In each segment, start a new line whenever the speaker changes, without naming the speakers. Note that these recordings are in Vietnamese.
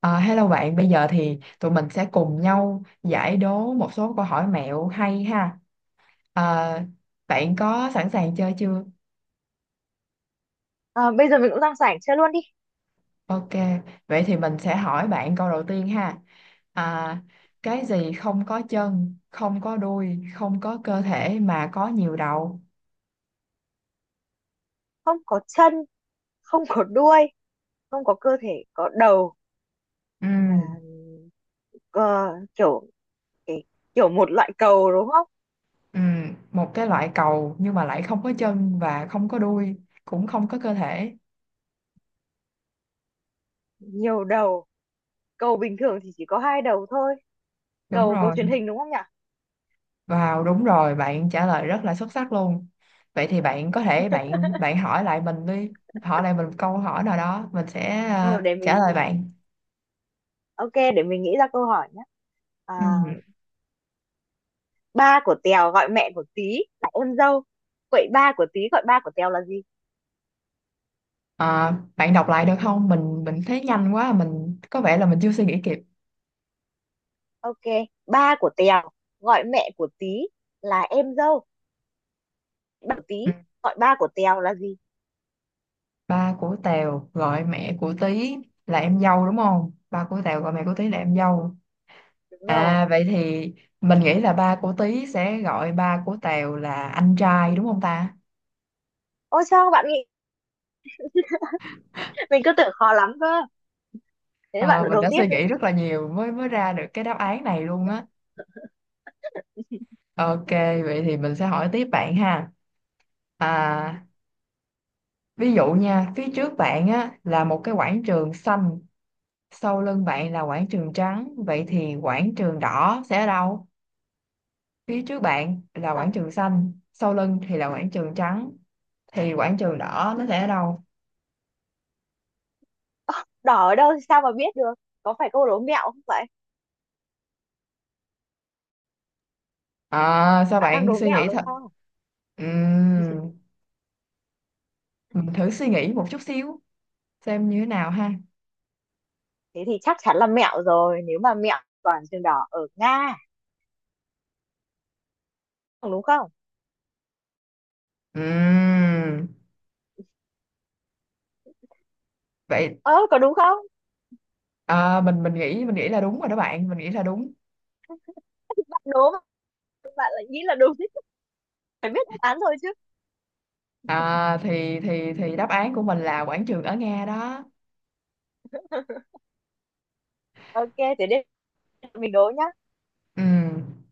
À, hello bạn, bây giờ thì tụi mình sẽ cùng nhau giải đố một số câu hỏi mẹo hay ha. À, bạn có sẵn sàng chơi chưa?
Ờ, bây giờ mình cũng đang rảnh chơi luôn đi.
Ok, vậy thì mình sẽ hỏi bạn câu đầu tiên ha. À, cái gì không có chân, không có đuôi, không có cơ thể mà có nhiều đầu?
Không có chân, không có đuôi, không có cơ thể, có đầu. À,
Ừm,
ờ, kiểu cái kiểu một loại cầu đúng không?
một cái loại cầu nhưng mà lại không có chân và không có đuôi, cũng không có cơ thể.
Nhiều đầu. Cầu bình thường thì chỉ có hai đầu thôi.
Đúng
Cầu cầu
rồi.
truyền hình đúng không nhỉ?
Wow, đúng rồi, bạn trả lời rất là xuất sắc luôn. Vậy thì bạn có thể bạn bạn hỏi lại mình đi, hỏi lại mình một câu hỏi nào đó, mình sẽ
Ờ, để
trả
mình nghĩ.
lời bạn.
Ok, để mình nghĩ ra câu hỏi nhé. À,
Ừ.
ba của Tèo gọi mẹ của Tí là em dâu. Vậy ba của Tí gọi ba của Tèo là gì?
Ờ, Bạn đọc lại được không? Mình thấy nhanh quá, mình có vẻ là mình chưa suy nghĩ kịp.
Ok, ba của Tèo gọi mẹ của Tí là em dâu. Bảo Tí
Ừ.
gọi ba của Tèo là gì?
Ba của Tèo gọi mẹ của Tí là em dâu đúng không? Ba của Tèo gọi mẹ của Tí là em dâu.
Đúng rồi.
À vậy thì mình nghĩ là ba của Tí sẽ gọi ba của Tèo là anh trai đúng không ta?
Ôi sao bạn nghĩ, mình cứ tưởng khó lắm cơ. Thế bạn
Ờ, mình
đố
đã
tiếp
suy
đi.
nghĩ rất là nhiều mới mới ra được cái đáp án này luôn á. Ok, vậy thì mình sẽ hỏi tiếp bạn ha. À, ví dụ nha, phía trước bạn á là một cái quảng trường xanh, sau lưng bạn là quảng trường trắng, vậy thì quảng trường đỏ sẽ ở đâu? Phía trước bạn là quảng
à,
trường xanh, sau lưng thì là quảng trường trắng, thì quảng trường đỏ nó sẽ ở đâu?
Đỏ ở đâu thì sao mà biết được? Có phải câu đố mẹo không vậy?
À, sao
Bạn đang
bạn
đố
suy
mẹo
nghĩ
đúng
thật?
không?
Ừm, mình thử suy nghĩ một chút xíu xem như thế nào ha.
Thế thì chắc chắn là mẹo rồi. Nếu mà mẹo, toàn trường đỏ ở Nga đúng không?
Ừm. Vậy.
Ơ, có đúng không?
À, mình nghĩ mình nghĩ là đúng rồi đó bạn, mình nghĩ là đúng.
Bạn đố mà bạn lại nghĩ là đúng, phải biết đáp án rồi chứ.
Thì đáp án của mình là quảng trường ở Nga đó.
Ok, thế đây, mình đố nhá.
Ừm,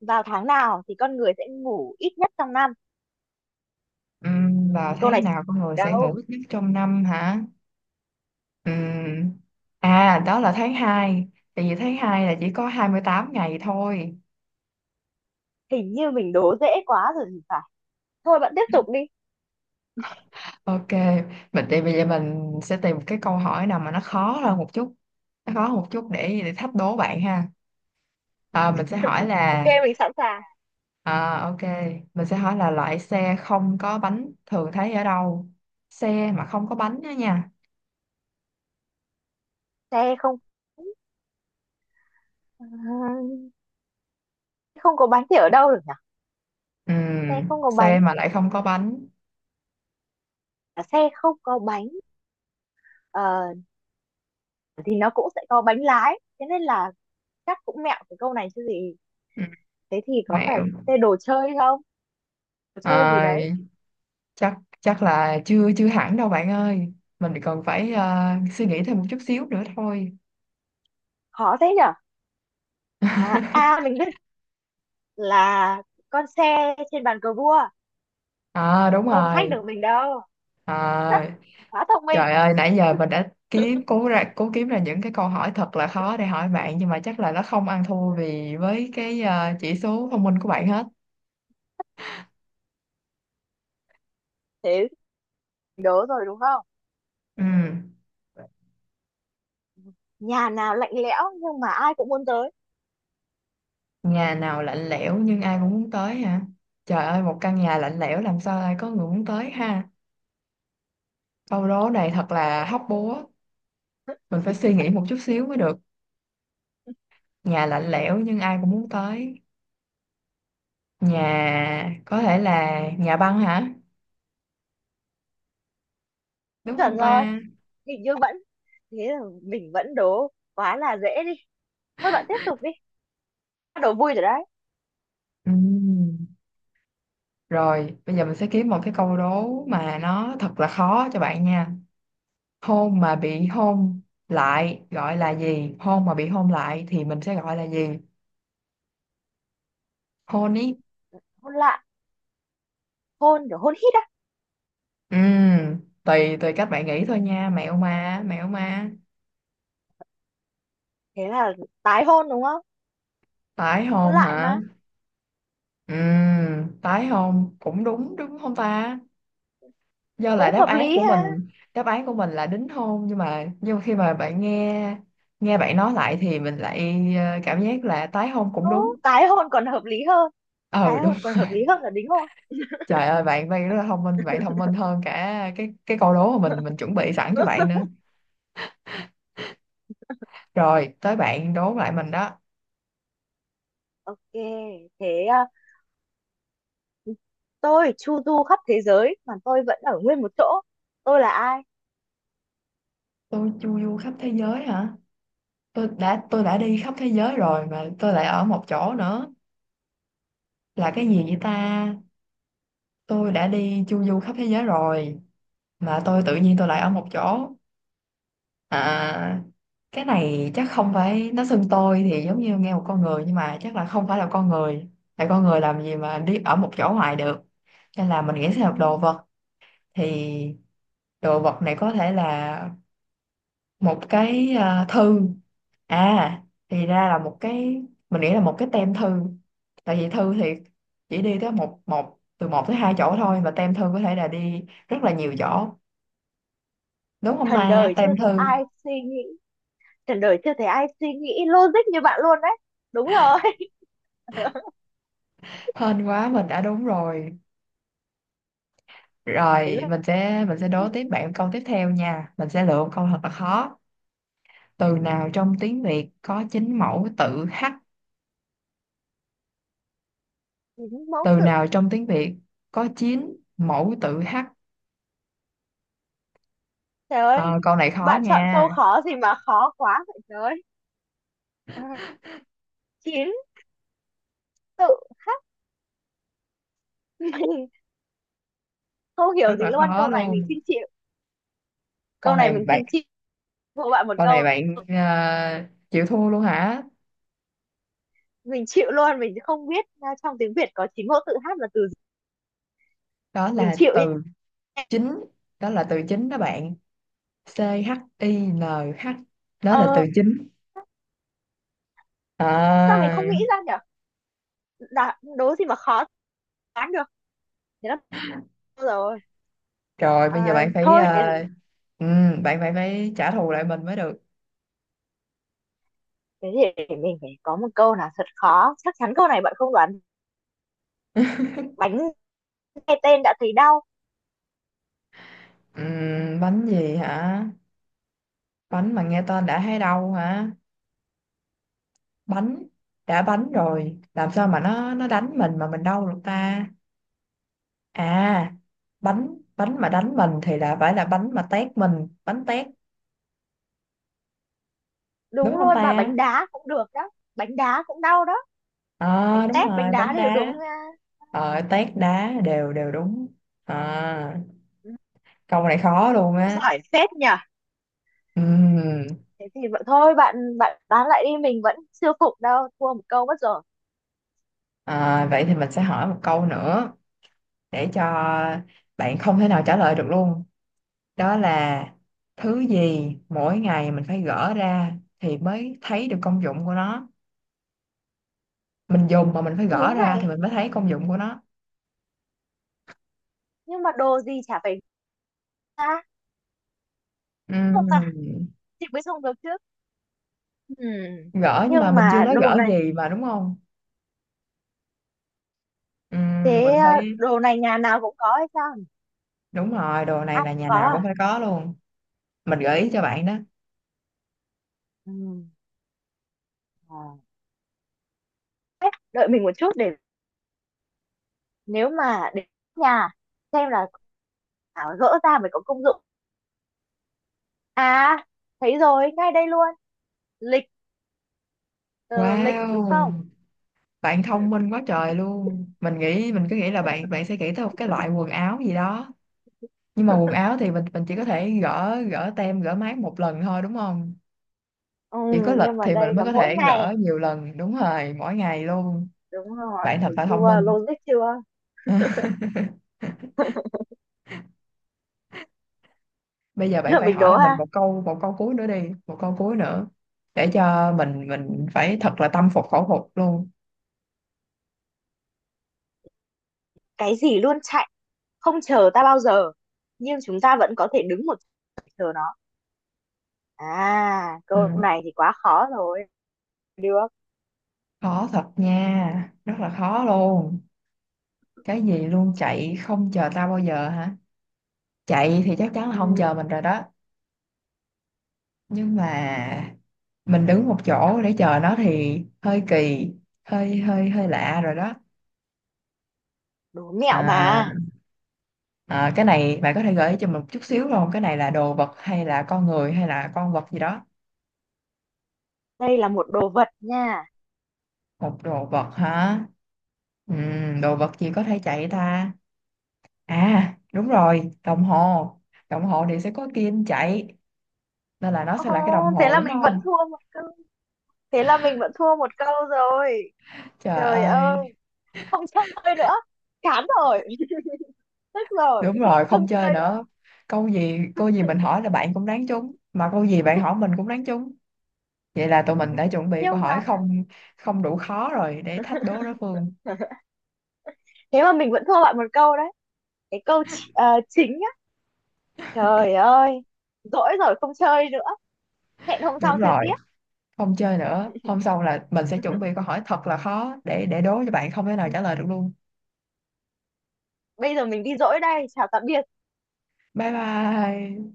Vào tháng nào thì con người sẽ ngủ ít nhất trong năm?
Vào
Câu
tháng
này
nào con người sẽ
đâu,
ngủ ít nhất trong năm hả? Ừm, Đó là tháng 2, tại vì tháng 2 là chỉ có 28 ngày thôi.
hình như mình đố dễ quá rồi thì phải. Thôi bạn tiếp tục đi.
Ok, mình thì bây giờ mình sẽ tìm một cái câu hỏi nào mà nó khó hơn một chút, nó khó hơn một chút để thách đố bạn ha. À, mình sẽ hỏi
Ok,
là
mình sẵn sàng.
À ok, mình sẽ hỏi là loại xe không có bánh thường thấy ở đâu? Xe mà không có bánh đó nha.
Xe không, à, không có bánh thì ở đâu được nhỉ?
Ừ,
Xe không có bánh,
xe mà lại không có bánh.
à, xe không có bánh ờ, thì nó cũng sẽ có bánh lái. Thế nên là chắc cũng mẹo cái câu này chứ gì.
Ừ,
Thế thì có phải
mẹo.
xe đồ chơi không? Đồ chơi gì
À,
đấy?
chắc chắc là chưa chưa hẳn đâu bạn ơi. Mình còn phải suy nghĩ thêm một chút xíu nữa thôi.
Khó thế nhỉ? À, à mình biết là con xe trên bàn cờ vua,
À đúng
không thách
rồi.
được mình đâu.
À,
Quá thông minh.
trời ơi nãy giờ mình đã kiếm cố ra cố kiếm ra những cái câu hỏi thật là khó để hỏi bạn, nhưng mà chắc là nó không ăn thua vì với cái chỉ số thông minh của bạn hết.
Thế đố rồi đúng không?
Ừ,
Nhà nào lạnh lẽo nhưng mà ai cũng muốn tới.
nhà nào lạnh lẽo nhưng ai cũng muốn tới hả? Trời ơi, một căn nhà lạnh lẽo làm sao ai có người muốn tới ha? Câu đố này thật là hóc búa, mình phải suy nghĩ một chút xíu mới được. Nhà lạnh lẽo nhưng ai cũng muốn tới. Nhà có thể là nhà băng hả? Đúng
Chuẩn
không
rồi.
ta?
Hình như vẫn, thế là mình vẫn đố quá là dễ đi. Thôi bạn tiếp tục đi, bắt đầu vui rồi đấy.
Ừ. Rồi, bây giờ mình sẽ kiếm một cái câu đố mà nó thật là khó cho bạn nha. Hôn mà bị hôn lại gọi là gì? Hôn mà bị hôn lại thì mình sẽ gọi là gì? Hôn ý.
Hôn lại, hôn kiểu hôn hít á.
Ừ, tùy tùy các bạn nghĩ thôi nha, mẹo mà, mẹo mà.
Thế là tái hôn đúng không?
Tái
Hôn
hôn
lại
hả?
mà.
Ừ, tái hôn cũng đúng đúng không ta? Do là
Cũng
đáp
hợp
án
lý
của mình,
ha.
đáp án của mình là đính hôn, nhưng mà khi mà bạn nghe nghe bạn nói lại thì mình lại cảm giác là tái hôn cũng
Ồ,
đúng.
tái hôn còn hợp lý hơn,
Ừ
tái
đúng.
hôn còn hợp lý hơn là đính hôn.
Trời ơi, bạn bạn rất là thông minh, bạn thông minh hơn cả cái câu đố mà mình chuẩn bị sẵn cho bạn nữa. Rồi, tới bạn đố lại mình đó.
Ok, thế à, tôi chu du khắp thế giới mà tôi vẫn ở nguyên một chỗ, tôi là ai?
Tôi chu du khắp thế giới hả? Tôi đã đi khắp thế giới rồi mà tôi lại ở một chỗ nữa, là cái gì vậy ta? Tôi đã đi chu du khắp thế giới rồi mà tôi tự nhiên tôi lại ở một chỗ. À, cái này chắc không phải, nó xưng tôi thì giống như nghe một con người, nhưng mà chắc là không phải là con người, tại con người làm gì mà đi ở một chỗ hoài được, nên là mình nghĩ sẽ là
Ừ,
đồ vật. Thì đồ vật này có thể là một cái thư. À, thì ra là một cái, mình nghĩ là một cái tem thư, tại vì thư thì chỉ đi tới một một từ một tới hai chỗ thôi, và tem thư có thể là đi rất là nhiều chỗ, đúng không
thần
ta,
đời chưa
tem
thấy
thư?
ai suy nghĩ, thần đời chưa thấy ai suy nghĩ logic như bạn luôn đấy. Đúng rồi.
Hên quá mình đã đúng rồi.
Đến
Rồi
lượt
mình sẽ đố
mình
tiếp
đi.
bạn câu tiếp theo nha, mình sẽ lựa một câu thật là khó. Từ nào trong tiếng Việt có chín mẫu tự h?
Những mẫu
Từ
tự.
nào trong tiếng Việt có chín mẫu tự h?
Trời ơi,
Ờ, Câu này khó
bạn chọn
nha,
câu khó gì mà khó quá vậy trời ơi. À, chín tự khắc. Mình không
rất
hiểu gì
là
luôn.
khó
Câu này mình
luôn.
xin chịu.
câu
Câu này
này
mình xin
bạn
chịu của bạn một
Câu này
câu.
bạn chịu thua luôn hả?
Mình chịu luôn, mình không biết à, trong tiếng Việt có chín mẫu tự hát là từ gì.
Đó
Mình
là
chịu nhé.
từ chính, đó là từ chính đó bạn. chính, đó là
Ờ,
từ chính.
sao mình
à,
không nghĩ ra nhỉ? Đã, đố gì mà khó đoán được. Thế là bao rồi.
Rồi bây giờ
À,
bạn phải,
thôi, để,
ừ, bạn phải phải trả thù lại mình mới được.
thế thì để mình phải có một câu nào thật khó. Chắc chắn câu này bạn không đoán. Bánh nghe tên đã thấy đau.
ừ, Bánh gì hả? Bánh mà nghe tên đã thấy đau hả? Bánh, đã bánh rồi làm sao mà nó đánh mình mà mình đau được ta? à bánh bánh mà đánh mình thì là phải là bánh mà tét mình, bánh tét
Đúng
đúng không
luôn, bà,
ta?
bánh đá cũng được đó. Bánh đá cũng đau đó.
Ờ
bánh
Đúng
tét bánh
rồi,
đá
bánh
đều
đá.
đúng à,
Tét đá đều đều đúng. à, Câu này khó luôn
Cũng
á.
giỏi phết nhỉ.
Ừm.
Thế thì vậy thôi bạn bạn bán lại đi, mình vẫn chưa phục đâu, thua một câu mất rồi.
Vậy thì mình sẽ hỏi một câu nữa để cho bạn không thể nào trả lời được luôn. Đó là thứ gì mỗi ngày mình phải gỡ ra thì mới thấy được công dụng của nó, mình dùng mà mình phải
Thứ
gỡ ra thì
này,
mình mới thấy công dụng của nó.
nhưng mà đồ gì chả phải ra không ta?
Ừm.
Chị mới dùng được trước. Ừm,
Gỡ nhưng mà
nhưng
mình chưa
mà
nói
đồ
gỡ
này,
gì mà đúng không?
thế
Mình
à,
phải.
đồ này nhà nào cũng có hay sao nhỉ?
Đúng rồi, đồ này
Ai cũng
là nhà
có
nào cũng
à?
phải có luôn. Mình gợi ý cho bạn đó.
Ừm, à, Thế, đợi mình một chút để, nếu mà đến nhà xem là thảo gỡ ra mới có công dụng. À, thấy rồi, ngay đây luôn. Lịch, ờ, lịch đúng không?
Wow, bạn
Ừ.
thông minh quá trời luôn. Mình nghĩ, mình cứ nghĩ là bạn bạn sẽ nghĩ tới một cái loại quần áo gì đó. Nhưng mà quần áo thì mình chỉ có thể gỡ gỡ tem, gỡ mác một lần thôi đúng không?
Ừ,
Chỉ có lịch
nhưng mà
thì mình
đây
mới
là
có
mỗi
thể
ngày.
gỡ nhiều lần, đúng rồi, mỗi ngày luôn.
Đúng rồi,
Bạn thật
thấy
là thông
chưa,
minh.
logic chưa? Thế.
Bây giờ bạn
Là
phải
mình
hỏi
đố
là mình
ha.
một câu, một câu cuối nữa đi, một câu cuối nữa để cho mình phải thật là tâm phục khẩu phục luôn.
Cái gì luôn chạy, không chờ ta bao giờ. Nhưng chúng ta vẫn có thể đứng một chỗ chờ nó. À,
Ừ.
câu này thì quá khó rồi. Được.
Khó thật nha, rất là khó luôn. Cái gì luôn chạy không chờ tao bao giờ hả? Chạy thì chắc chắn là không
Ừ,
chờ mình rồi đó, nhưng mà mình đứng một chỗ để chờ nó thì hơi kỳ, hơi hơi hơi lạ rồi đó.
đố mẹo
à,
mà.
cái này bạn có thể gợi ý cho mình một chút xíu không, cái này là đồ vật hay là con người hay là con vật gì đó?
Đây là một đồ vật nha.
Một đồ vật hả? Đồ vật gì có thể chạy ta? À đúng rồi, đồng hồ, đồng hồ thì sẽ có kim chạy, nên là nó
Ồ,
sẽ là cái đồng
thế
hồ
là
đúng
mình vẫn
không?
thua một câu. Thế là mình vẫn thua một câu rồi.
Trời
Trời ơi.
ơi,
Không chơi nữa, chán rồi. Tức rồi.
đúng rồi, không
Không
chơi
chơi nữa.
nữa. Câu gì, câu gì mình hỏi là bạn cũng đoán trúng, mà câu gì bạn hỏi mình cũng đoán trúng. Vậy là tụi mình đã chuẩn bị câu
Nhưng
hỏi
mà
không, không đủ khó rồi để thách đố đối phương.
thế mà mình vẫn thua bạn một câu đấy, cái câu chính á. Trời ơi, dỗi rồi, không chơi nữa, hẹn hôm
Đúng
sau chơi
rồi,
tiếp.
không chơi nữa, hôm sau là mình sẽ chuẩn bị câu hỏi thật là khó để đố cho bạn không thể nào trả lời được luôn.
Bây giờ mình đi dỗi đây, chào tạm biệt.
Bye bye.